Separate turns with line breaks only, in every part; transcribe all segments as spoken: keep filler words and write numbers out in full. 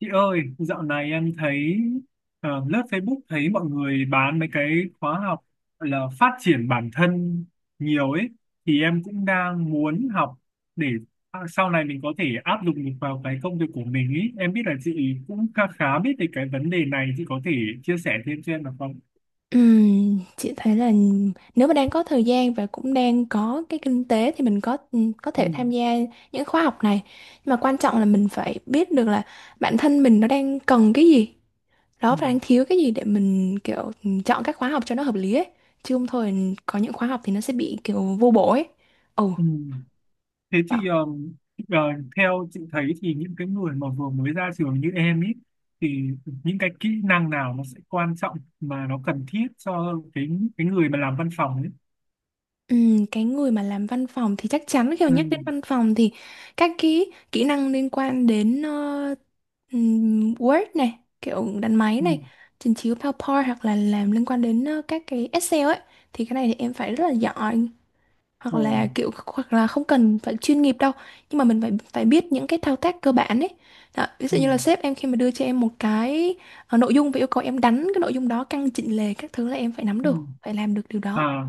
Chị ơi, dạo này em thấy ờ, lướt Facebook thấy mọi người bán mấy cái khóa học gọi là phát triển bản thân nhiều ấy, thì em cũng đang muốn học để à, sau này mình có thể áp dụng được vào cái công việc của mình ấy. Em biết là chị cũng khá khá biết về cái vấn đề này, chị có thể chia sẻ thêm cho em được không?
Ừm, chị thấy là nếu mà đang có thời gian và cũng đang có cái kinh tế thì mình có có
Ừ.
thể tham gia những khóa học này. Nhưng mà quan trọng là mình phải biết được là bản thân mình nó đang cần cái gì, đó
Ừ.
và đang thiếu cái gì để mình kiểu chọn các khóa học cho nó hợp lý ấy. Chứ không thôi có những khóa học thì nó sẽ bị kiểu vô bổ ấy. Ồ,
Ừ. Thế thì
đó.
um, ờ, theo chị thấy thì những cái người mà vừa mới ra trường như em ý thì những cái kỹ năng nào nó sẽ quan trọng mà nó cần thiết cho cái cái người mà làm văn phòng ấy.
Ừm, cái người mà làm văn phòng thì chắc chắn khi mà
Ừ.
nhắc đến văn phòng thì các cái kỹ năng liên quan đến ờ, ừm, Word này, kiểu đánh máy
Ừ.
này, trình chiếu PowerPoint hoặc là làm liên quan đến ờ, các cái Excel ấy thì cái này thì em phải rất là giỏi, hoặc
Ờ.
là kiểu, hoặc là không cần phải chuyên nghiệp đâu, nhưng mà mình phải phải biết những cái thao tác cơ bản ấy. Đó, ví
Ừ.
dụ như là sếp em khi mà đưa cho em một cái ờ, nội dung và yêu cầu em đánh cái nội dung đó, căn chỉnh lề các thứ là em phải nắm
Ừ.
được, phải làm được điều đó.
À,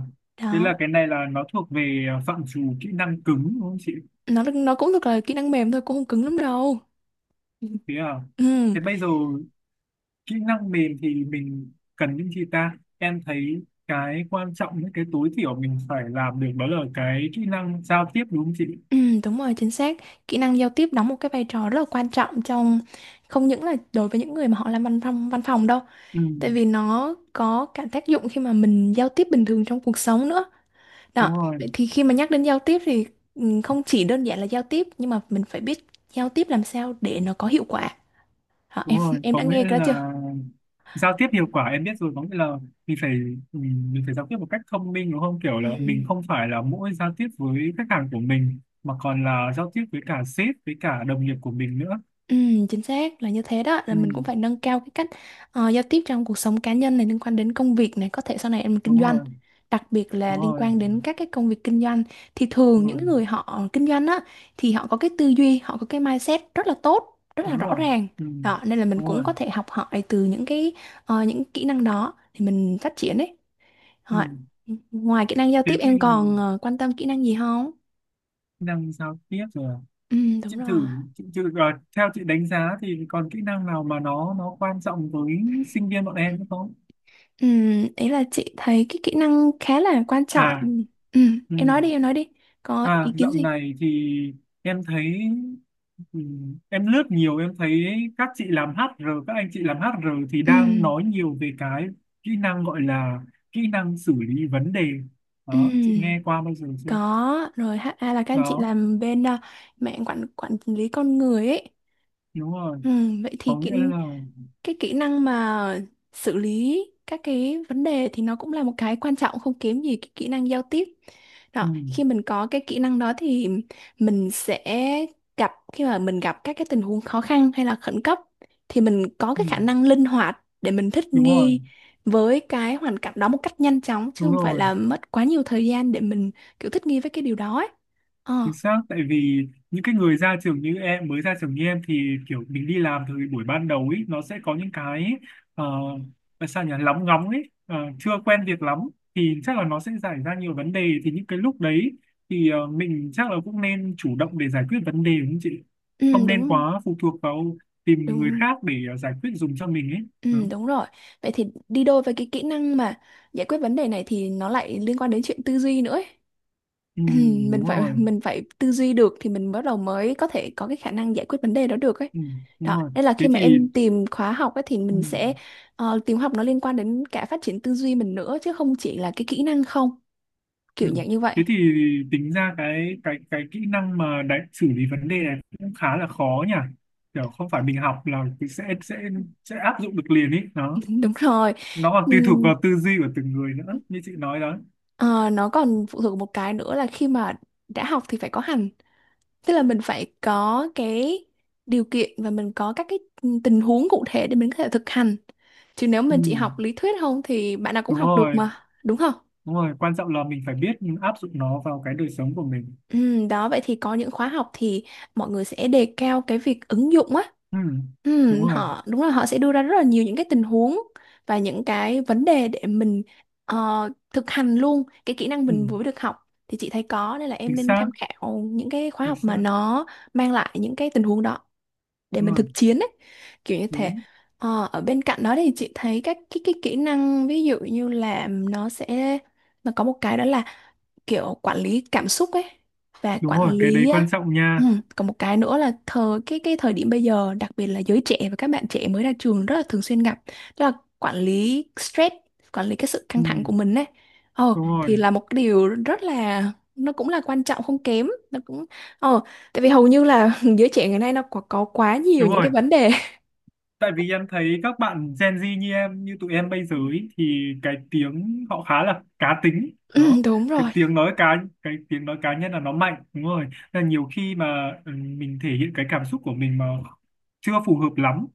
thế
Đó.
là cái này là nó thuộc về ờ, phạm trù kỹ năng cứng đúng không chị?
nó nó cũng thật là kỹ năng mềm thôi, cũng không cứng lắm đâu. Ừ.
Thế à?
Ừ,
Thế bây giờ kỹ năng mềm thì mình cần những gì ta? Em thấy cái quan trọng những cái tối thiểu mình phải làm được đó là cái kỹ năng giao tiếp đúng không chị?
ừ, đúng rồi, chính xác. Kỹ năng giao tiếp đóng một cái vai trò rất là quan trọng trong, không những là đối với những người mà họ làm văn phòng văn phòng đâu,
Ừ,
tại vì nó có cả tác dụng khi mà mình giao tiếp bình thường trong cuộc sống nữa. Đó,
đúng rồi,
vậy thì khi mà nhắc đến giao tiếp thì ừ, không chỉ đơn giản là giao tiếp, nhưng mà mình phải biết giao tiếp làm sao để nó có hiệu quả. Đó,
đúng
em
rồi.
em
Có
đã
nghĩa
nghe cái đó chưa?
là giao tiếp hiệu quả em biết rồi. Có nghĩa là mình phải mình, mình phải giao tiếp một cách thông minh đúng không? Kiểu là
Ừ.
mình không phải là mỗi giao tiếp với khách hàng của mình mà còn là giao tiếp với cả sếp, với cả đồng nghiệp của mình nữa.
Ừ, chính xác là như thế, đó là
Ừ,
mình cũng phải nâng cao cái cách ờ, giao tiếp trong cuộc sống cá nhân này, liên quan đến công việc này, có thể sau này em kinh
đúng
doanh,
rồi,
đặc biệt là
đúng
liên
rồi,
quan đến các cái công việc kinh doanh. Thì
đúng
thường những
rồi,
cái người họ kinh doanh á thì họ có cái tư duy, họ có cái mindset rất là tốt, rất là
đúng
rõ
rồi.
ràng.
Ừ,
Đó nên là mình
đúng
cũng
rồi.
có thể học hỏi từ những cái ờ, những kỹ năng đó thì mình phát triển đấy.
Ừ.
Ờ, Ngoài kỹ năng giao
Thế
tiếp
thì
em còn ờ, quan tâm kỹ năng gì không?
kỹ năng giao tiếp rồi. À?
Ừ, đúng
Chị thử,
rồi.
chị, chị, à, theo chị đánh giá thì còn kỹ năng nào mà nó nó quan trọng với sinh viên bọn em nữa không?
Ừm, ý là chị thấy cái kỹ năng khá là quan trọng.
À,
Ừm, ừm,
ừ.
em nói đi, em nói đi. Có
À,
ý kiến
dạo
gì?
này thì em thấy ừ, em lướt nhiều em thấy các chị làm hát rờ, các anh chị làm hát rờ thì đang
Ừm,
nói nhiều về cái kỹ năng gọi là kỹ năng xử lý vấn đề. Đó, chị
ừm,
nghe qua bao giờ chưa?
có. Rồi hát a à, là các anh chị
Đó,
làm bên à, mạng quản quản lý con người ấy.
đúng rồi.
Ừm, vậy
Có
thì kỹ
nghĩa là
cái kỹ năng mà xử lý các cái vấn đề thì nó cũng là một cái quan trọng không kém gì cái kỹ năng giao tiếp.
ừ,
Đó, khi mình có cái kỹ năng đó thì mình sẽ gặp khi mà mình gặp các cái tình huống khó khăn hay là khẩn cấp thì mình có
ừ,
cái khả năng linh hoạt để mình thích
đúng rồi,
nghi với cái hoàn cảnh đó một cách nhanh chóng, chứ
đúng
không phải
rồi.
là mất quá nhiều thời gian để mình kiểu thích nghi với cái điều đó ấy. Ờ,
Chính xác, tại vì những cái người ra trường như em, mới ra trường như em thì kiểu mình đi làm từ buổi ban đầu ấy, nó sẽ có những cái ờ, là sao nhỉ, lóng ngóng ấy, ờ, chưa quen việc lắm thì chắc là nó sẽ xảy ra nhiều vấn đề, thì những cái lúc đấy thì ờ, mình chắc là cũng nên chủ động để giải quyết vấn đề đúng không chị?
ừ,
Không nên
đúng
quá phụ thuộc vào tìm người
đúng.
khác để ờ, giải quyết dùng cho mình ấy.
Ừ,
Đó.
đúng rồi. Vậy thì đi đôi với cái kỹ năng mà giải quyết vấn đề này thì nó lại liên quan đến chuyện tư duy nữa ấy.
Ừ,
Ừ,
đúng
Mình phải
rồi.
mình phải tư duy được thì mình bắt đầu mới có thể có cái khả năng giải quyết vấn đề đó được ấy.
Ừ, đúng
Đó,
rồi.
nên là khi
Thế
mà
thì
em tìm khóa học ấy thì
ừ.
mình sẽ ờ, tìm học nó liên quan đến cả phát triển tư duy mình nữa, chứ không chỉ là cái kỹ năng không,
Ừ.
kiểu dạng như vậy.
Thế thì tính ra cái cái cái kỹ năng mà đánh xử lý vấn đề này cũng khá là khó nhỉ, kiểu không phải mình học là mình sẽ sẽ sẽ áp dụng được liền ý, nó
Đúng rồi.
nó còn tùy thuộc
Ừm,
vào tư duy của từng người nữa như chị nói đó.
ờ, nó còn phụ thuộc một cái nữa là khi mà đã học thì phải có hành. Tức là mình phải có cái điều kiện và mình có các cái tình huống cụ thể để mình có thể thực hành. Chứ nếu
Ừ.
mình chỉ học lý thuyết không thì bạn nào cũng
Đúng
học được
rồi,
mà, đúng không?
đúng rồi, quan trọng là mình phải biết áp dụng nó vào cái đời sống của mình.
Ừ, đó vậy thì có những khóa học thì mọi người sẽ đề cao cái việc ứng dụng á.
Ừ. Đúng
Ừ,
rồi.
họ đúng là họ sẽ đưa ra rất là nhiều những cái tình huống và những cái vấn đề để mình ờ, thực hành luôn cái kỹ năng
Ừ.
mình vừa được học, thì chị thấy có nên là
Chính
em nên
xác,
tham khảo những cái khóa
chính
học mà
xác.
nó mang lại những cái tình huống đó, để
Đúng
mình
rồi.
thực chiến ấy, kiểu như thế.
Đúng,
Ờ, ở bên cạnh đó thì chị thấy các cái cái kỹ năng, ví dụ như là nó sẽ, nó có một cái đó là kiểu quản lý cảm xúc ấy và
đúng
quản
rồi, cái đấy
lý á,
quan trọng
ừ,
nha.
còn một cái nữa là thời cái cái thời điểm bây giờ, đặc biệt là giới trẻ và các bạn trẻ mới ra trường rất là thường xuyên gặp, đó là quản lý stress, quản lý cái sự
Ừ.
căng thẳng của mình ấy. ờ
Đúng
thì
rồi,
là một cái điều rất là, nó cũng là quan trọng không kém, nó cũng ờ tại vì hầu như là giới trẻ ngày nay nó có, có quá nhiều
đúng
những
rồi,
cái vấn đề.
tại vì em thấy các bạn Gen Z như em, như tụi em bây giờ ý, thì cái tiếng họ khá là cá tính
Ừ,
đó.
đúng
cái
rồi,
tiếng nói cá cái tiếng nói cá nhân là nó mạnh, đúng rồi. Nên là nhiều khi mà ừ, mình thể hiện cái cảm xúc của mình mà chưa phù hợp lắm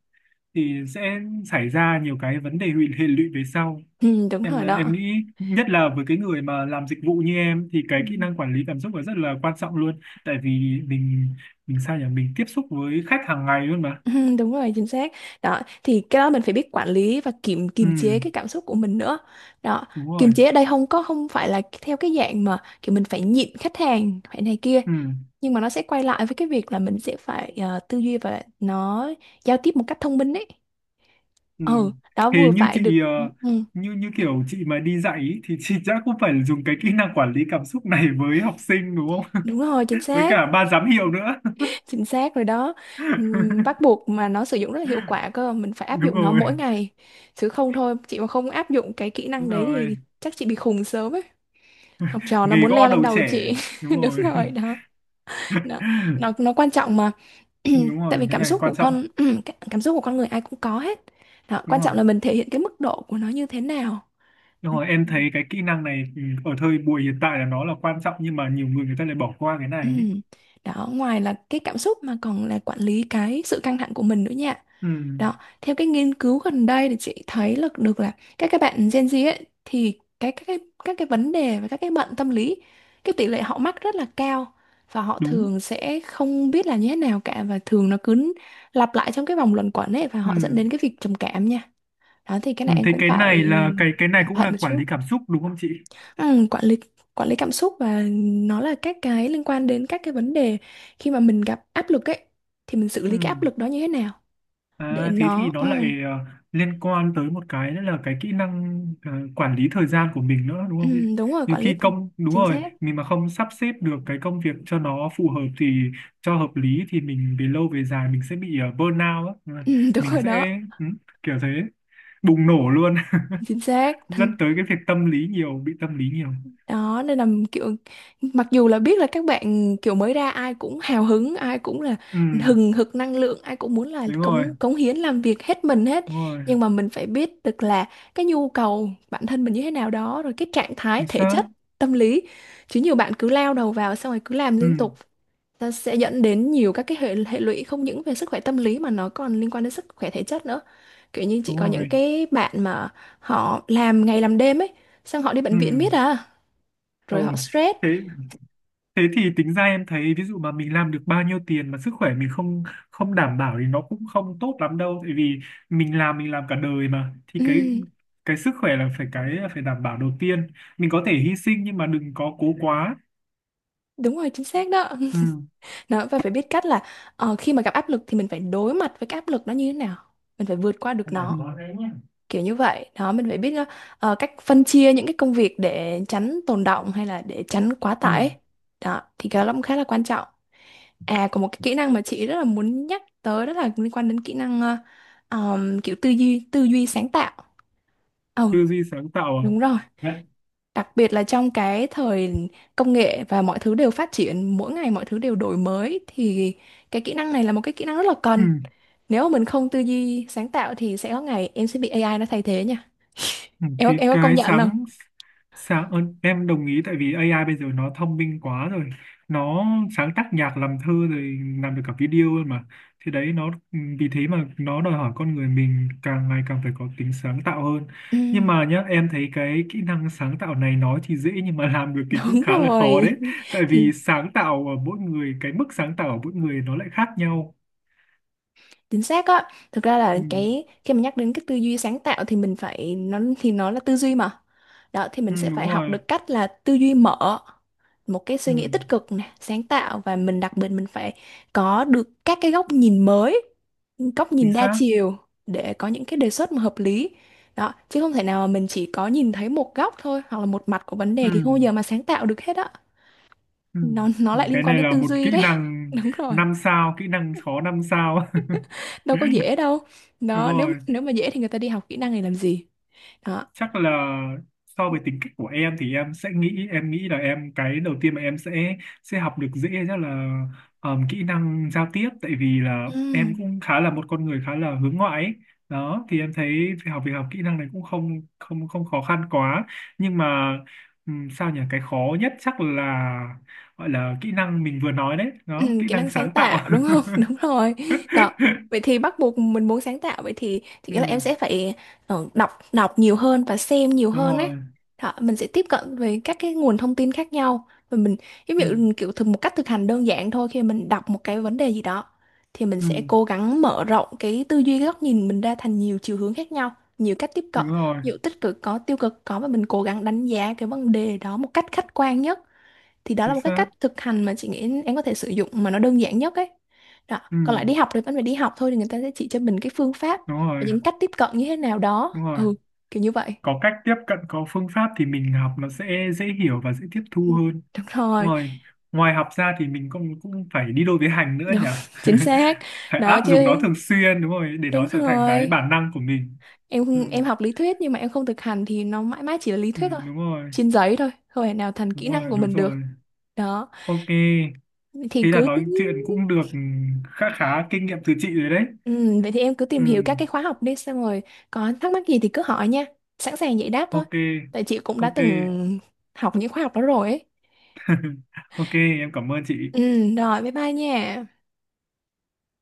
thì sẽ xảy ra nhiều cái vấn đề hụy hệ lụy về sau.
ừ, đúng
em
rồi
em
đó.
nghĩ nhất là với cái người mà làm dịch vụ như em thì
Ừ.
cái kỹ năng quản lý cảm xúc là rất là quan trọng luôn, tại vì mình mình sao nhỉ, mình tiếp xúc với khách hàng ngày luôn mà.
Ừ, đúng rồi, chính xác đó, thì cái đó mình phải biết quản lý và kiềm
Ừ,
kiềm chế cái cảm xúc của mình nữa. Đó,
đúng rồi.
kiềm chế ở đây không có, không phải là theo cái dạng mà kiểu mình phải nhịn khách hàng phải này kia,
Ừ,
nhưng mà nó sẽ quay lại với cái việc là mình sẽ phải ờ, tư duy và nó giao tiếp một cách thông minh ấy.
ừ.
Ừ đó,
Thế
vừa
như
phải được.
chị ờ,
Ừ,
như như kiểu chị mà đi dạy ý, thì chị chắc cũng phải dùng cái kỹ năng quản lý cảm xúc này với học sinh đúng không?
đúng rồi, chính
Với
xác.
cả ban giám hiệu nữa.
Chính xác rồi đó. Ừm, bắt buộc mà nó sử dụng rất là hiệu quả cơ, mình phải áp
Đúng
dụng nó
rồi.
mỗi ngày, chứ không thôi chị mà không áp dụng cái kỹ
Đúng
năng đấy
rồi.
thì chắc chị bị khùng sớm ấy. Học trò nó
Nghề
muốn
gõ
leo lên
đầu
đầu
trẻ.
chị.
Đúng
Đúng
rồi.
rồi đó. nó nó, nó quan trọng mà.
Đúng
Tại
rồi,
vì
cái
cảm
này
xúc
quan
của
trọng.
con cả- cảm xúc của con người ai cũng có hết. Đó,
Đúng
quan
rồi.
trọng là mình thể hiện cái mức độ của nó như thế nào.
Đúng rồi, em thấy cái kỹ năng này ừ, ở thời buổi hiện tại là nó là quan trọng, nhưng mà nhiều người người ta lại bỏ qua cái này
Ừ.
ấy.
Đó, ngoài là cái cảm xúc mà còn là quản lý cái sự căng thẳng của mình nữa nha.
Ừ,
Đó, theo cái nghiên cứu gần đây thì chị thấy là được là các các bạn gen zi ấy, thì cái các cái các cái vấn đề và các cái bệnh tâm lý, cái tỷ lệ họ mắc rất là cao, và họ
đúng.
thường sẽ không biết là như thế nào cả, và thường nó cứ lặp lại trong cái vòng luẩn quẩn ấy và họ dẫn
Ừ.
đến cái việc trầm cảm nha. Đó thì cái
Ừ,
này em
thế
cũng
cái
phải
này là cái cái này
cẩn
cũng
thận
là
một
quản
chút.
lý cảm xúc đúng không chị?
Ừ, quản lý quản lý cảm xúc và nó là các cái liên quan đến các cái vấn đề khi mà mình gặp áp lực ấy, thì mình xử
Ừ.
lý cái áp lực đó như thế nào để
À, thế thì
nó
nó
ừ,
lại ờ, liên quan tới một cái nữa là cái kỹ năng ờ, quản lý thời gian của mình nữa đúng
ừ,
không chị?
đúng rồi,
Nhiều
quản lý
khi
th-
công Đúng
chính
rồi,
xác.
mình mà không sắp xếp được cái công việc cho nó phù hợp thì cho hợp lý thì mình về lâu về dài mình sẽ bị ờ, burnout á,
Ừ, đúng
mình
rồi đó.
sẽ ừ, kiểu thế bùng nổ luôn,
Chính xác. Thành
dẫn tới cái việc tâm lý nhiều, bị tâm lý nhiều.
đó, nên là kiểu mặc dù là biết là các bạn kiểu mới ra ai cũng hào hứng, ai cũng là
Ừ,
hừng hực năng lượng, ai cũng muốn là
đúng rồi,
cống cống hiến làm việc hết mình hết.
đúng rồi,
Nhưng mà mình phải biết được là cái nhu cầu bản thân mình như thế nào, đó rồi cái trạng thái
chính
thể
xác.
chất, tâm lý. Chứ nhiều bạn cứ lao đầu vào xong rồi cứ làm
Ừ,
liên tục, ta sẽ dẫn đến nhiều các cái hệ hệ lụy, không những về sức khỏe tâm lý mà nó còn liên quan đến sức khỏe thể chất nữa. Kiểu như chị
đúng
có những
rồi.
cái bạn mà họ làm ngày làm đêm ấy, xong họ đi
Ừ,
bệnh viện miết à,
ừ.
rồi họ stress.
Thế Thế thì tính ra em thấy ví dụ mà mình làm được bao nhiêu tiền mà sức khỏe mình không không đảm bảo thì nó cũng không tốt lắm đâu, tại vì mình làm mình làm cả đời mà, thì cái
Ừm,
cái sức khỏe là phải cái phải đảm bảo đầu tiên, mình có thể hy sinh nhưng mà đừng có cố quá.
Đúng rồi, chính xác đó.
Ừ. Nên.
Đó và phải biết cách là ờ, khi mà gặp áp lực thì mình phải đối mặt với cái áp lực đó như thế nào, mình phải vượt qua
Ừ.
được
Là
nó,
có đấy nhá.
kiểu như vậy đó. Mình phải biết ờ, cách phân chia những cái công việc để tránh tồn động hay là để tránh quá
Ừ.
tải ấy. Đó thì cái đó cũng khá là quan trọng. À, có một cái kỹ năng mà chị rất là muốn nhắc tới, đó là liên quan đến kỹ năng ờ, ờm, kiểu tư duy tư duy sáng tạo. Ồ
Tư duy sáng tạo à?
đúng rồi.
Nhất.
Đặc biệt là trong cái thời công nghệ và mọi thứ đều phát triển, mỗi ngày mọi thứ đều đổi mới, thì cái kỹ năng này là một cái kỹ năng rất là
Ừ.
cần. Nếu mà mình không tư duy sáng tạo thì sẽ có ngày em sẽ bị a i nó thay thế nha.
Ừ,
Em có,
thì
em có công
cái
nhận không?
sáng sáng ơn, em đồng ý tại vì ây ai bây giờ nó thông minh quá rồi, nó sáng tác nhạc, làm thơ, rồi làm được cả video luôn mà, thì đấy nó ừ, vì thế mà nó đòi hỏi con người mình càng ngày càng phải có tính sáng tạo hơn.
Ừ,
Nhưng mà nhá, em thấy cái kỹ năng sáng tạo này nói thì dễ nhưng mà làm được thì cũng
đúng
khá là khó đấy,
rồi.
tại
Thì
vì sáng tạo ở mỗi người cái mức sáng tạo ở mỗi người nó lại khác nhau.
chính xác á. Thực ra là
Ừ,
cái khi mà nhắc đến cái tư duy sáng tạo thì mình phải, nó thì nó là tư duy mà. Đó thì
ừ
mình sẽ
đúng
phải học
rồi.
được cách là tư duy mở, một cái
Ừ,
suy nghĩ tích cực nè, sáng tạo, và mình đặc biệt mình phải có được các cái góc nhìn mới, góc
chính
nhìn đa
xác.
chiều, để có những cái đề xuất mà hợp lý. Đó, chứ không thể nào mà mình chỉ có nhìn thấy một góc thôi hoặc là một mặt của vấn
Ừ.
đề thì không bao giờ mà sáng tạo được hết á.
Ừ.
nó nó lại liên
Cái
quan
này
đến
là
tư
một
duy
kỹ
đấy.
năng
Đúng rồi,
năm sao, kỹ năng khó năm sao.
đâu có dễ đâu.
Đúng
Đó, nếu
rồi.
nếu mà dễ thì người ta đi học kỹ năng này làm gì. Đó
Chắc là so với tính cách của em thì em sẽ nghĩ em nghĩ là em cái đầu tiên mà em sẽ sẽ học được dễ chắc là ờm, kỹ năng giao tiếp, tại vì là
ừ.
em cũng khá là một con người khá là hướng ngoại ấy. Đó thì em thấy việc học việc học kỹ năng này cũng không không không khó khăn quá, nhưng mà ừm, sao nhỉ, cái khó nhất chắc là gọi là kỹ năng mình vừa nói đấy
Ừ,
đó, kỹ
kỹ
năng
năng sáng
sáng
tạo
tạo.
đúng không? Đúng rồi. Đó. Vậy thì bắt buộc mình muốn sáng tạo, vậy thì thì
Ừ,
nghĩa là em sẽ phải ờ, đọc đọc nhiều hơn và xem nhiều
đúng
hơn ấy.
rồi.
Đó, mình sẽ tiếp cận với các cái nguồn thông tin khác nhau, và mình giống
Ừ.
như kiểu thực một cách thực hành đơn giản thôi, khi mình đọc một cái vấn đề gì đó thì mình
Ừ,
sẽ cố gắng mở rộng cái tư duy, cái góc nhìn mình ra thành nhiều chiều hướng khác nhau, nhiều cách tiếp cận,
đúng rồi.
ví dụ tích cực có, tiêu cực có, và mình cố gắng đánh giá cái vấn đề đó một cách khách quan nhất. Thì đó là
Chính
một cái
xác.
cách thực hành mà chị nghĩ em có thể sử dụng mà nó đơn giản nhất ấy. Đó,
Ừ.
còn lại đi học thì vẫn phải đi học thôi, thì người ta sẽ chỉ cho mình cái phương pháp
Đúng
và
rồi.
những cách tiếp cận như thế nào đó,
Đúng rồi,
ừ, kiểu như vậy.
có cách tiếp cận, có phương pháp thì mình học nó sẽ dễ hiểu và dễ tiếp
Ừ,
thu hơn.
đúng
Đúng
rồi.
rồi. Ngoài học ra thì mình cũng cũng phải đi đôi với hành nữa
Đúng,
nhỉ.
chính xác.
Phải
Đó
áp dụng nó
chứ.
thường xuyên, đúng rồi, để
Đúng
nó trở thành cái
rồi,
bản năng của mình.
em
Ừ.
không- em học lý thuyết nhưng mà em không thực hành thì nó mãi mãi chỉ là lý
Ừ,
thuyết thôi,
đúng rồi,
trên giấy thôi, không thể nào thành kỹ
đúng
năng
rồi,
của
đúng
mình được.
rồi.
Đó
Ok,
thì
thế là
cứ.
nói chuyện cũng được khá khá kinh nghiệm từ chị rồi đấy.
Ừ, vậy thì em cứ
Ừ.
tìm hiểu các cái khóa học đi, xong rồi có thắc mắc gì thì cứ hỏi nha, sẵn sàng giải đáp thôi,
Ok.
tại chị cũng đã
Ok.
từng học những khóa học đó rồi ấy.
Ok, em cảm ơn chị.
Ừ, rồi bye bye nha.